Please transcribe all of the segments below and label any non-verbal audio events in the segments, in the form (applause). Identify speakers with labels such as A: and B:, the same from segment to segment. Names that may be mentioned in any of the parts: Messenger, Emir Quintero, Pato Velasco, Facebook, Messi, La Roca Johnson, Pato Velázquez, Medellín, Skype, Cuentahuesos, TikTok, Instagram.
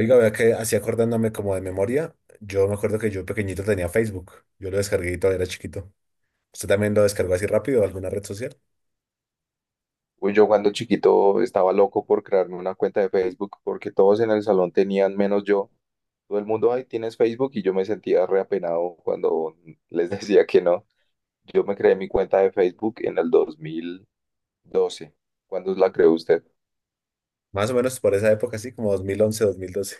A: Oiga, vea que así acordándome como de memoria, yo me acuerdo que yo pequeñito tenía Facebook. Yo lo descargué y todavía era chiquito. ¿Usted también lo descargó así rápido, alguna red social?
B: Uy, yo cuando chiquito estaba loco por crearme una cuenta de Facebook porque todos en el salón tenían menos yo. Todo el mundo, ay, tienes Facebook y yo me sentía reapenado cuando les (laughs) decía que no. Yo me creé mi cuenta de Facebook en el 2012. ¿Cuándo la creó usted?
A: Más o menos por esa época, así como 2011, 2012.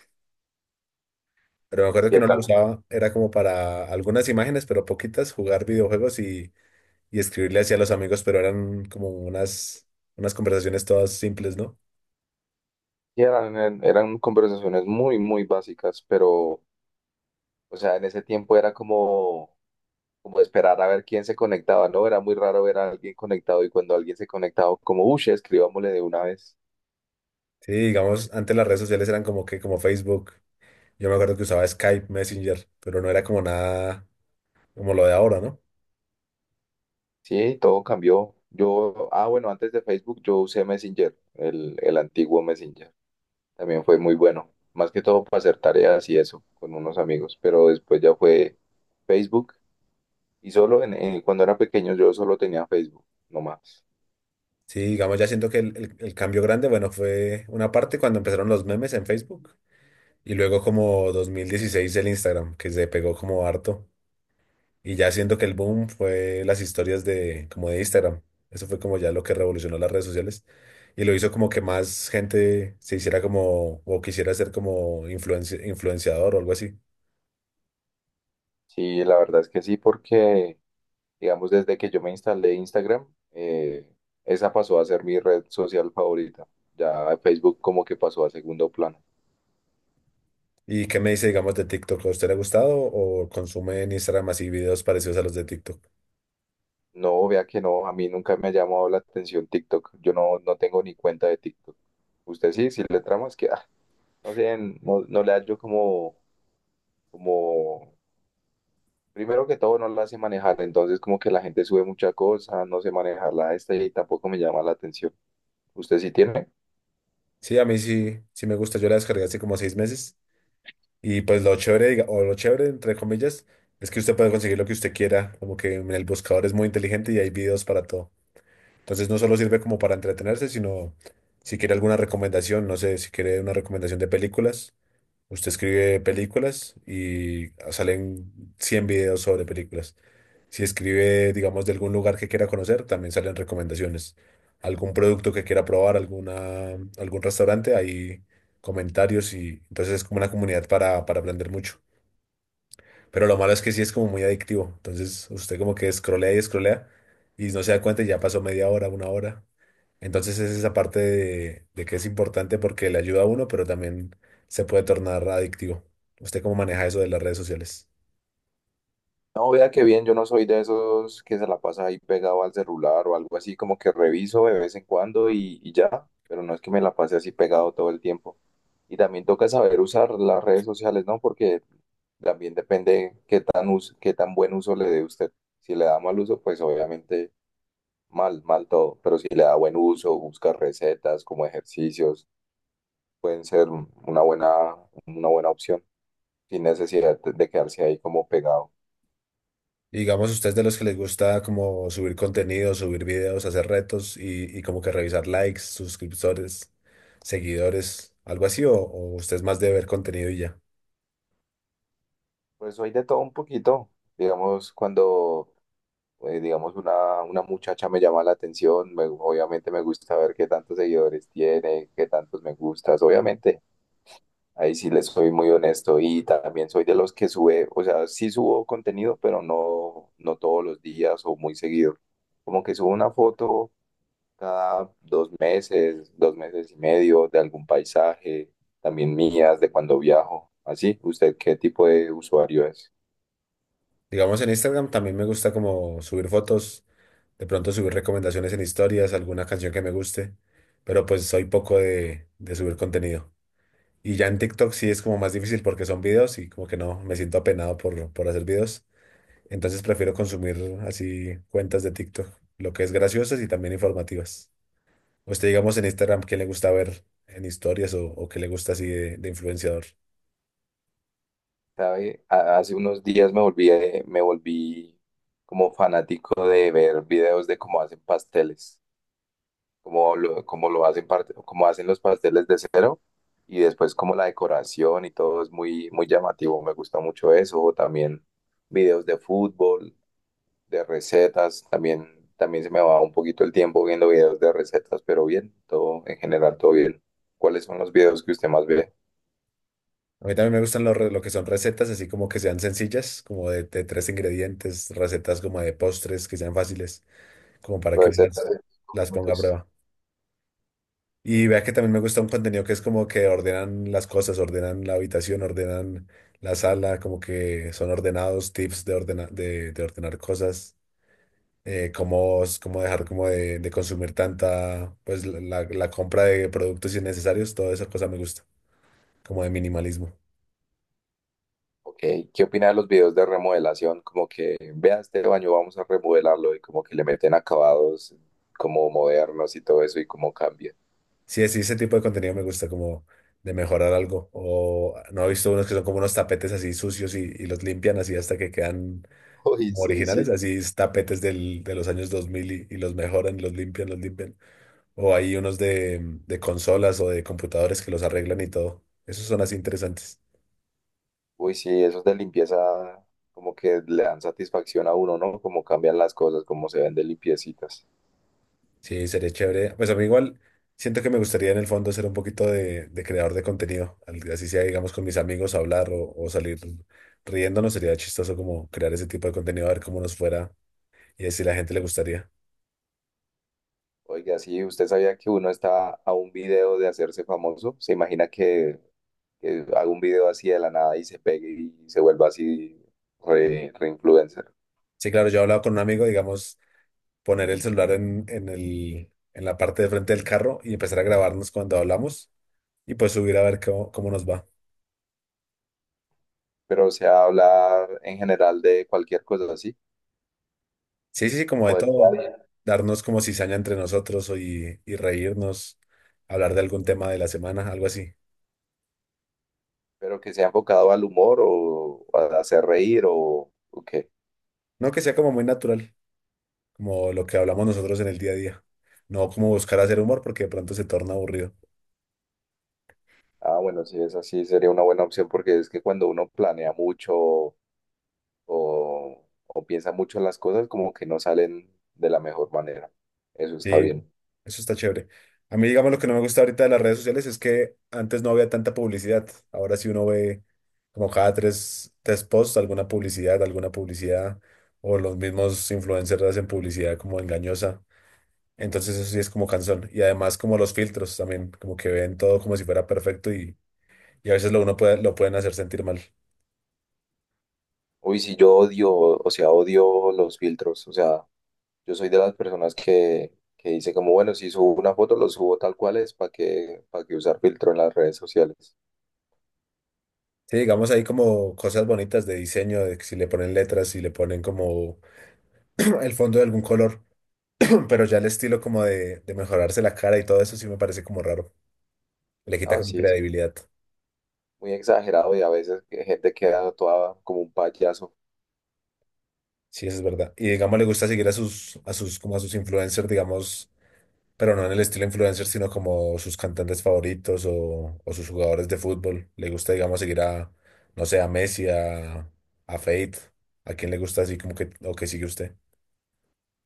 A: Pero me
B: ¿Y
A: acuerdo que
B: qué
A: uno la
B: tal?
A: usaba, era como para algunas imágenes, pero poquitas, jugar videojuegos y escribirle así a los amigos, pero eran como unas conversaciones todas simples, ¿no?
B: Y eran conversaciones muy, muy básicas, pero, o sea, en ese tiempo era como, como esperar a ver quién se conectaba, ¿no? Era muy raro ver a alguien conectado y cuando alguien se conectaba, como, uy, escribámosle de una vez.
A: Sí, digamos, antes las redes sociales eran como que, como Facebook. Yo me acuerdo que usaba Skype, Messenger, pero no era como nada como lo de ahora, ¿no?
B: Sí, todo cambió. Yo, bueno, antes de Facebook yo usé Messenger, el antiguo Messenger. También fue muy bueno, más que todo para hacer tareas y eso con unos amigos, pero después ya fue Facebook y solo cuando era pequeño yo solo tenía Facebook, no más.
A: Sí, digamos, ya siento que el cambio grande, bueno, fue una parte cuando empezaron los memes en Facebook y luego como 2016 el Instagram, que se pegó como harto. Y ya siento que el boom fue las historias de como de Instagram. Eso fue como ya lo que revolucionó las redes sociales y lo hizo como que más gente se hiciera como o quisiera ser como influenciador o algo así.
B: Sí, la verdad es que sí, porque digamos desde que yo me instalé Instagram, esa pasó a ser mi red social favorita. Ya Facebook como que pasó a segundo plano.
A: ¿Y qué me dice, digamos, de TikTok? ¿A usted le ha gustado o consume en Instagram así videos parecidos a los de TikTok?
B: No, vea que no, a mí nunca me ha llamado la atención TikTok. Yo no, no tengo ni cuenta de TikTok. Usted sí, si le tramas que, ah, no sé, no, no le hallo como, como, primero que todo no la hace manejar, entonces como que la gente sube mucha cosa, no sé manejarla esta y tampoco me llama la atención. ¿Usted sí tiene?
A: Sí, a mí sí, sí me gusta. Yo la descargué hace como 6 meses. Y pues lo chévere, o lo chévere, entre comillas, es que usted puede conseguir lo que usted quiera, como que en el buscador es muy inteligente y hay videos para todo. Entonces no solo sirve como para entretenerse, sino si quiere alguna recomendación, no sé, si quiere una recomendación de películas, usted escribe películas y ah, salen 100 videos sobre películas. Si escribe, digamos, de algún lugar que quiera conocer, también salen recomendaciones. Algún producto que quiera probar, alguna, algún restaurante, hay comentarios y entonces es como una comunidad para aprender mucho. Pero lo malo es que sí es como muy adictivo. Entonces usted como que escrolea y escrolea y no se da cuenta y ya pasó media hora, una hora. Entonces es esa parte de que es importante porque le ayuda a uno, pero también se puede tornar adictivo. ¿Usted cómo maneja eso de las redes sociales?
B: No, vea que bien, yo no soy de esos que se la pasa ahí pegado al celular o algo así, como que reviso de vez en cuando y ya, pero no es que me la pase así pegado todo el tiempo. Y también toca saber usar las redes sociales, ¿no? Porque también depende qué tan buen uso le dé usted. Si le da mal uso, pues obviamente mal, mal todo, pero si le da buen uso, busca recetas como ejercicios, pueden ser una buena opción, sin necesidad de quedarse ahí como pegado.
A: Y digamos, ¿usted es de los que les gusta como subir contenido, subir videos, hacer retos y como que revisar likes, suscriptores, seguidores, algo así? O usted es más de ver contenido y ya?
B: Pues soy de todo un poquito. Digamos, cuando, digamos, una muchacha me llama la atención, obviamente me gusta ver qué tantos seguidores tiene, qué tantos me gustas, obviamente. Ahí sí les soy muy honesto y también soy de los que sube, o sea, sí subo contenido, pero no, no todos los días o muy seguido. Como que subo una foto cada 2 meses, 2 meses y medio de algún paisaje, también mías, de cuando viajo. Así, ¿usted qué tipo de usuario es?
A: Digamos, en Instagram también me gusta como subir fotos, de pronto subir recomendaciones en historias, alguna canción que me guste, pero pues soy poco de subir contenido. Y ya en TikTok sí es como más difícil porque son videos y como que no, me siento apenado por hacer videos. Entonces prefiero consumir así cuentas de TikTok, lo que es graciosas y también informativas. Usted, digamos, en Instagram, ¿qué le gusta ver en historias o qué le gusta así de influenciador?
B: ¿Sabe? Hace unos días me volví como fanático de ver videos de cómo hacen pasteles, cómo lo hacen, cómo hacen los pasteles de cero y después como la decoración y todo es muy, muy llamativo. Me gusta mucho eso. O también videos de fútbol, de recetas. También, también se me va un poquito el tiempo viendo videos de recetas, pero bien, todo en general, todo bien. ¿Cuáles son los videos que usted más ve?
A: A mí también me gustan lo que son recetas, así como que sean sencillas, como de tres ingredientes, recetas como de postres que sean fáciles, como para que uno
B: Recetas de
A: las ponga a
B: minutos.
A: prueba. Y vea que también me gusta un contenido que es como que ordenan las cosas, ordenan la habitación, ordenan la sala, como que son ordenados, tips de, de ordenar cosas, cómo, cómo dejar como de consumir tanta, pues la compra de productos innecesarios, toda esa cosa me gusta, como de minimalismo.
B: Ok, ¿qué opinas de los videos de remodelación? Como que, vea este baño, vamos a remodelarlo y como que le meten acabados como modernos y todo eso y cómo cambia.
A: Sí, sí, ese tipo de contenido me gusta, como de mejorar algo. O no he visto unos que son como unos tapetes así sucios y los limpian así hasta que quedan
B: (laughs) Uy,
A: como
B: sí,
A: originales,
B: sí.
A: así es tapetes de los años 2000 y los mejoran, los limpian, los limpian. O hay unos de consolas o de computadores que los arreglan y todo. Esos son así interesantes.
B: Uy, sí, esos de limpieza como que le dan satisfacción a uno, ¿no? Como cambian las cosas, como se ven de limpiecitas.
A: Sí, sería chévere. Pues a mí igual siento que me gustaría en el fondo ser un poquito de creador de contenido. Así sea, digamos, con mis amigos hablar o salir riéndonos. Sería chistoso como crear ese tipo de contenido, a ver cómo nos fuera y a ver si la gente le gustaría.
B: Oiga, sí, ¿usted sabía que uno está a un video de hacerse famoso? ¿Se imagina que haga un video así de la nada y se pegue y se vuelva así re, re influencer?
A: Sí, claro, yo he hablado con un amigo, digamos, poner el celular en la parte de frente del carro y empezar a grabarnos cuando hablamos y pues subir a ver cómo, cómo nos va.
B: Pero o sea, hablar en general de cualquier cosa así,
A: Sí, sí, sí, como de
B: como del día a
A: todo,
B: día,
A: darnos como cizaña entre nosotros y reírnos, hablar de algún tema de la semana, algo así.
B: pero que sea enfocado al humor o a hacer reír o qué.
A: No, que sea como muy natural, como lo que hablamos nosotros en el día a día. No como buscar hacer humor porque de pronto se torna aburrido.
B: Ah, bueno, sí, es así, sería una buena opción porque es que cuando uno planea mucho o, o piensa mucho en las cosas, como que no salen de la mejor manera. Eso está
A: Sí.
B: bien.
A: Eso está chévere. A mí, digamos, lo que no me gusta ahorita de las redes sociales es que antes no había tanta publicidad. Ahora sí uno ve como cada tres posts alguna publicidad, o los mismos influencers hacen publicidad como engañosa. Entonces eso sí es como cansón. Y además como los filtros también, como que ven todo como si fuera perfecto y a veces lo uno puede, lo pueden hacer sentir mal.
B: Uy, sí, yo odio, o sea, odio los filtros, o sea, yo soy de las personas que dice como, bueno, si subo una foto, lo subo tal cual es, para qué usar filtro en las redes sociales?
A: Sí, digamos ahí como cosas bonitas de diseño, de que si le ponen letras, si le ponen como (clears throat) el fondo de algún color. Pero ya el estilo como de mejorarse la cara y todo eso sí me parece como raro. Le quita
B: No,
A: como
B: sí, es
A: credibilidad.
B: muy exagerado y a veces que gente queda toda como un payaso.
A: Sí, eso es verdad. Y digamos, le gusta seguir como a sus influencers, digamos, pero no en el estilo influencer, sino como sus cantantes favoritos o sus jugadores de fútbol. Le gusta, digamos, seguir a, no sé, a Messi, a Fate, a quien le gusta así como que, o que sigue usted.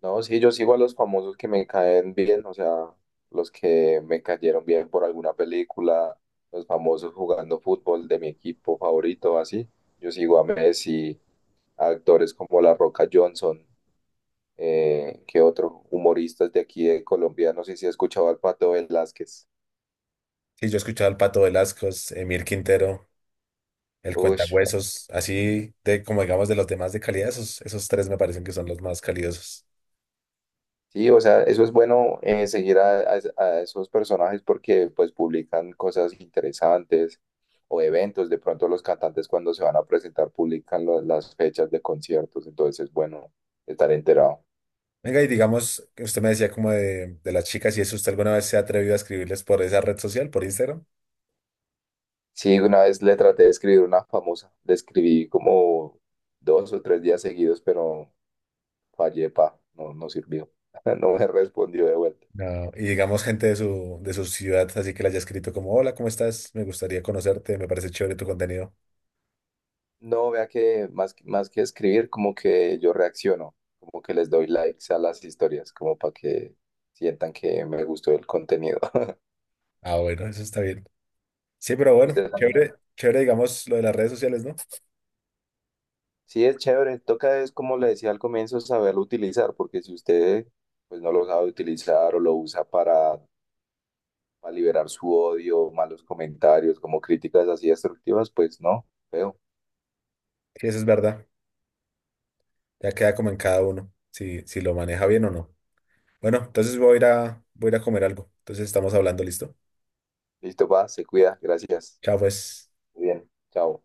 B: No, sí, yo sigo a los famosos que me caen bien, o sea, los que me cayeron bien por alguna película, los famosos jugando fútbol de mi equipo favorito, así. Yo sigo a Messi, a actores como La Roca Johnson, que otros humoristas de aquí de Colombia, no sé si he escuchado al Pato Velázquez.
A: Sí, yo he escuchado al Pato Velasco, Emir Quintero, el
B: Uy,
A: Cuentahuesos, así de como digamos de los demás de calidad, esos, esos tres me parecen que son los más calidosos.
B: sí, o sea, eso es bueno, seguir a, a esos personajes porque pues publican cosas interesantes o eventos. De pronto los cantantes cuando se van a presentar publican las fechas de conciertos, entonces es bueno estar enterado.
A: Venga, y digamos, que usted me decía como de las chicas, y eso usted alguna vez se ha atrevido a escribirles por esa red social, por Instagram.
B: Sí, una vez le traté de escribir una famosa, le escribí como 2 o 3 días seguidos, pero fallé, pa, no, no sirvió, (laughs) no me respondió de vuelta.
A: No. Y digamos, gente de su ciudad, así que le haya escrito como, hola, ¿cómo estás? Me gustaría conocerte, me parece chévere tu contenido.
B: No, vea que más, más que escribir, como que yo reacciono, como que les doy likes a las historias, como para que sientan que me gustó el contenido. (laughs)
A: Ah, bueno, eso está bien. Sí, pero bueno,
B: Usted también.
A: chévere, chévere, digamos, lo de las redes sociales, ¿no?
B: Sí, es chévere. Toca es, como le decía al comienzo, saberlo utilizar, porque si usted pues no lo sabe utilizar o lo usa para liberar su odio, malos comentarios, como críticas así destructivas, pues no, feo.
A: Sí, eso es verdad. Ya queda como en cada uno, si, si lo maneja bien o no. Bueno, entonces voy a ir a comer algo. Entonces estamos hablando, ¿listo?
B: Listo, va, se cuida. Gracias.
A: Chao, pues.
B: Muy bien. Chao.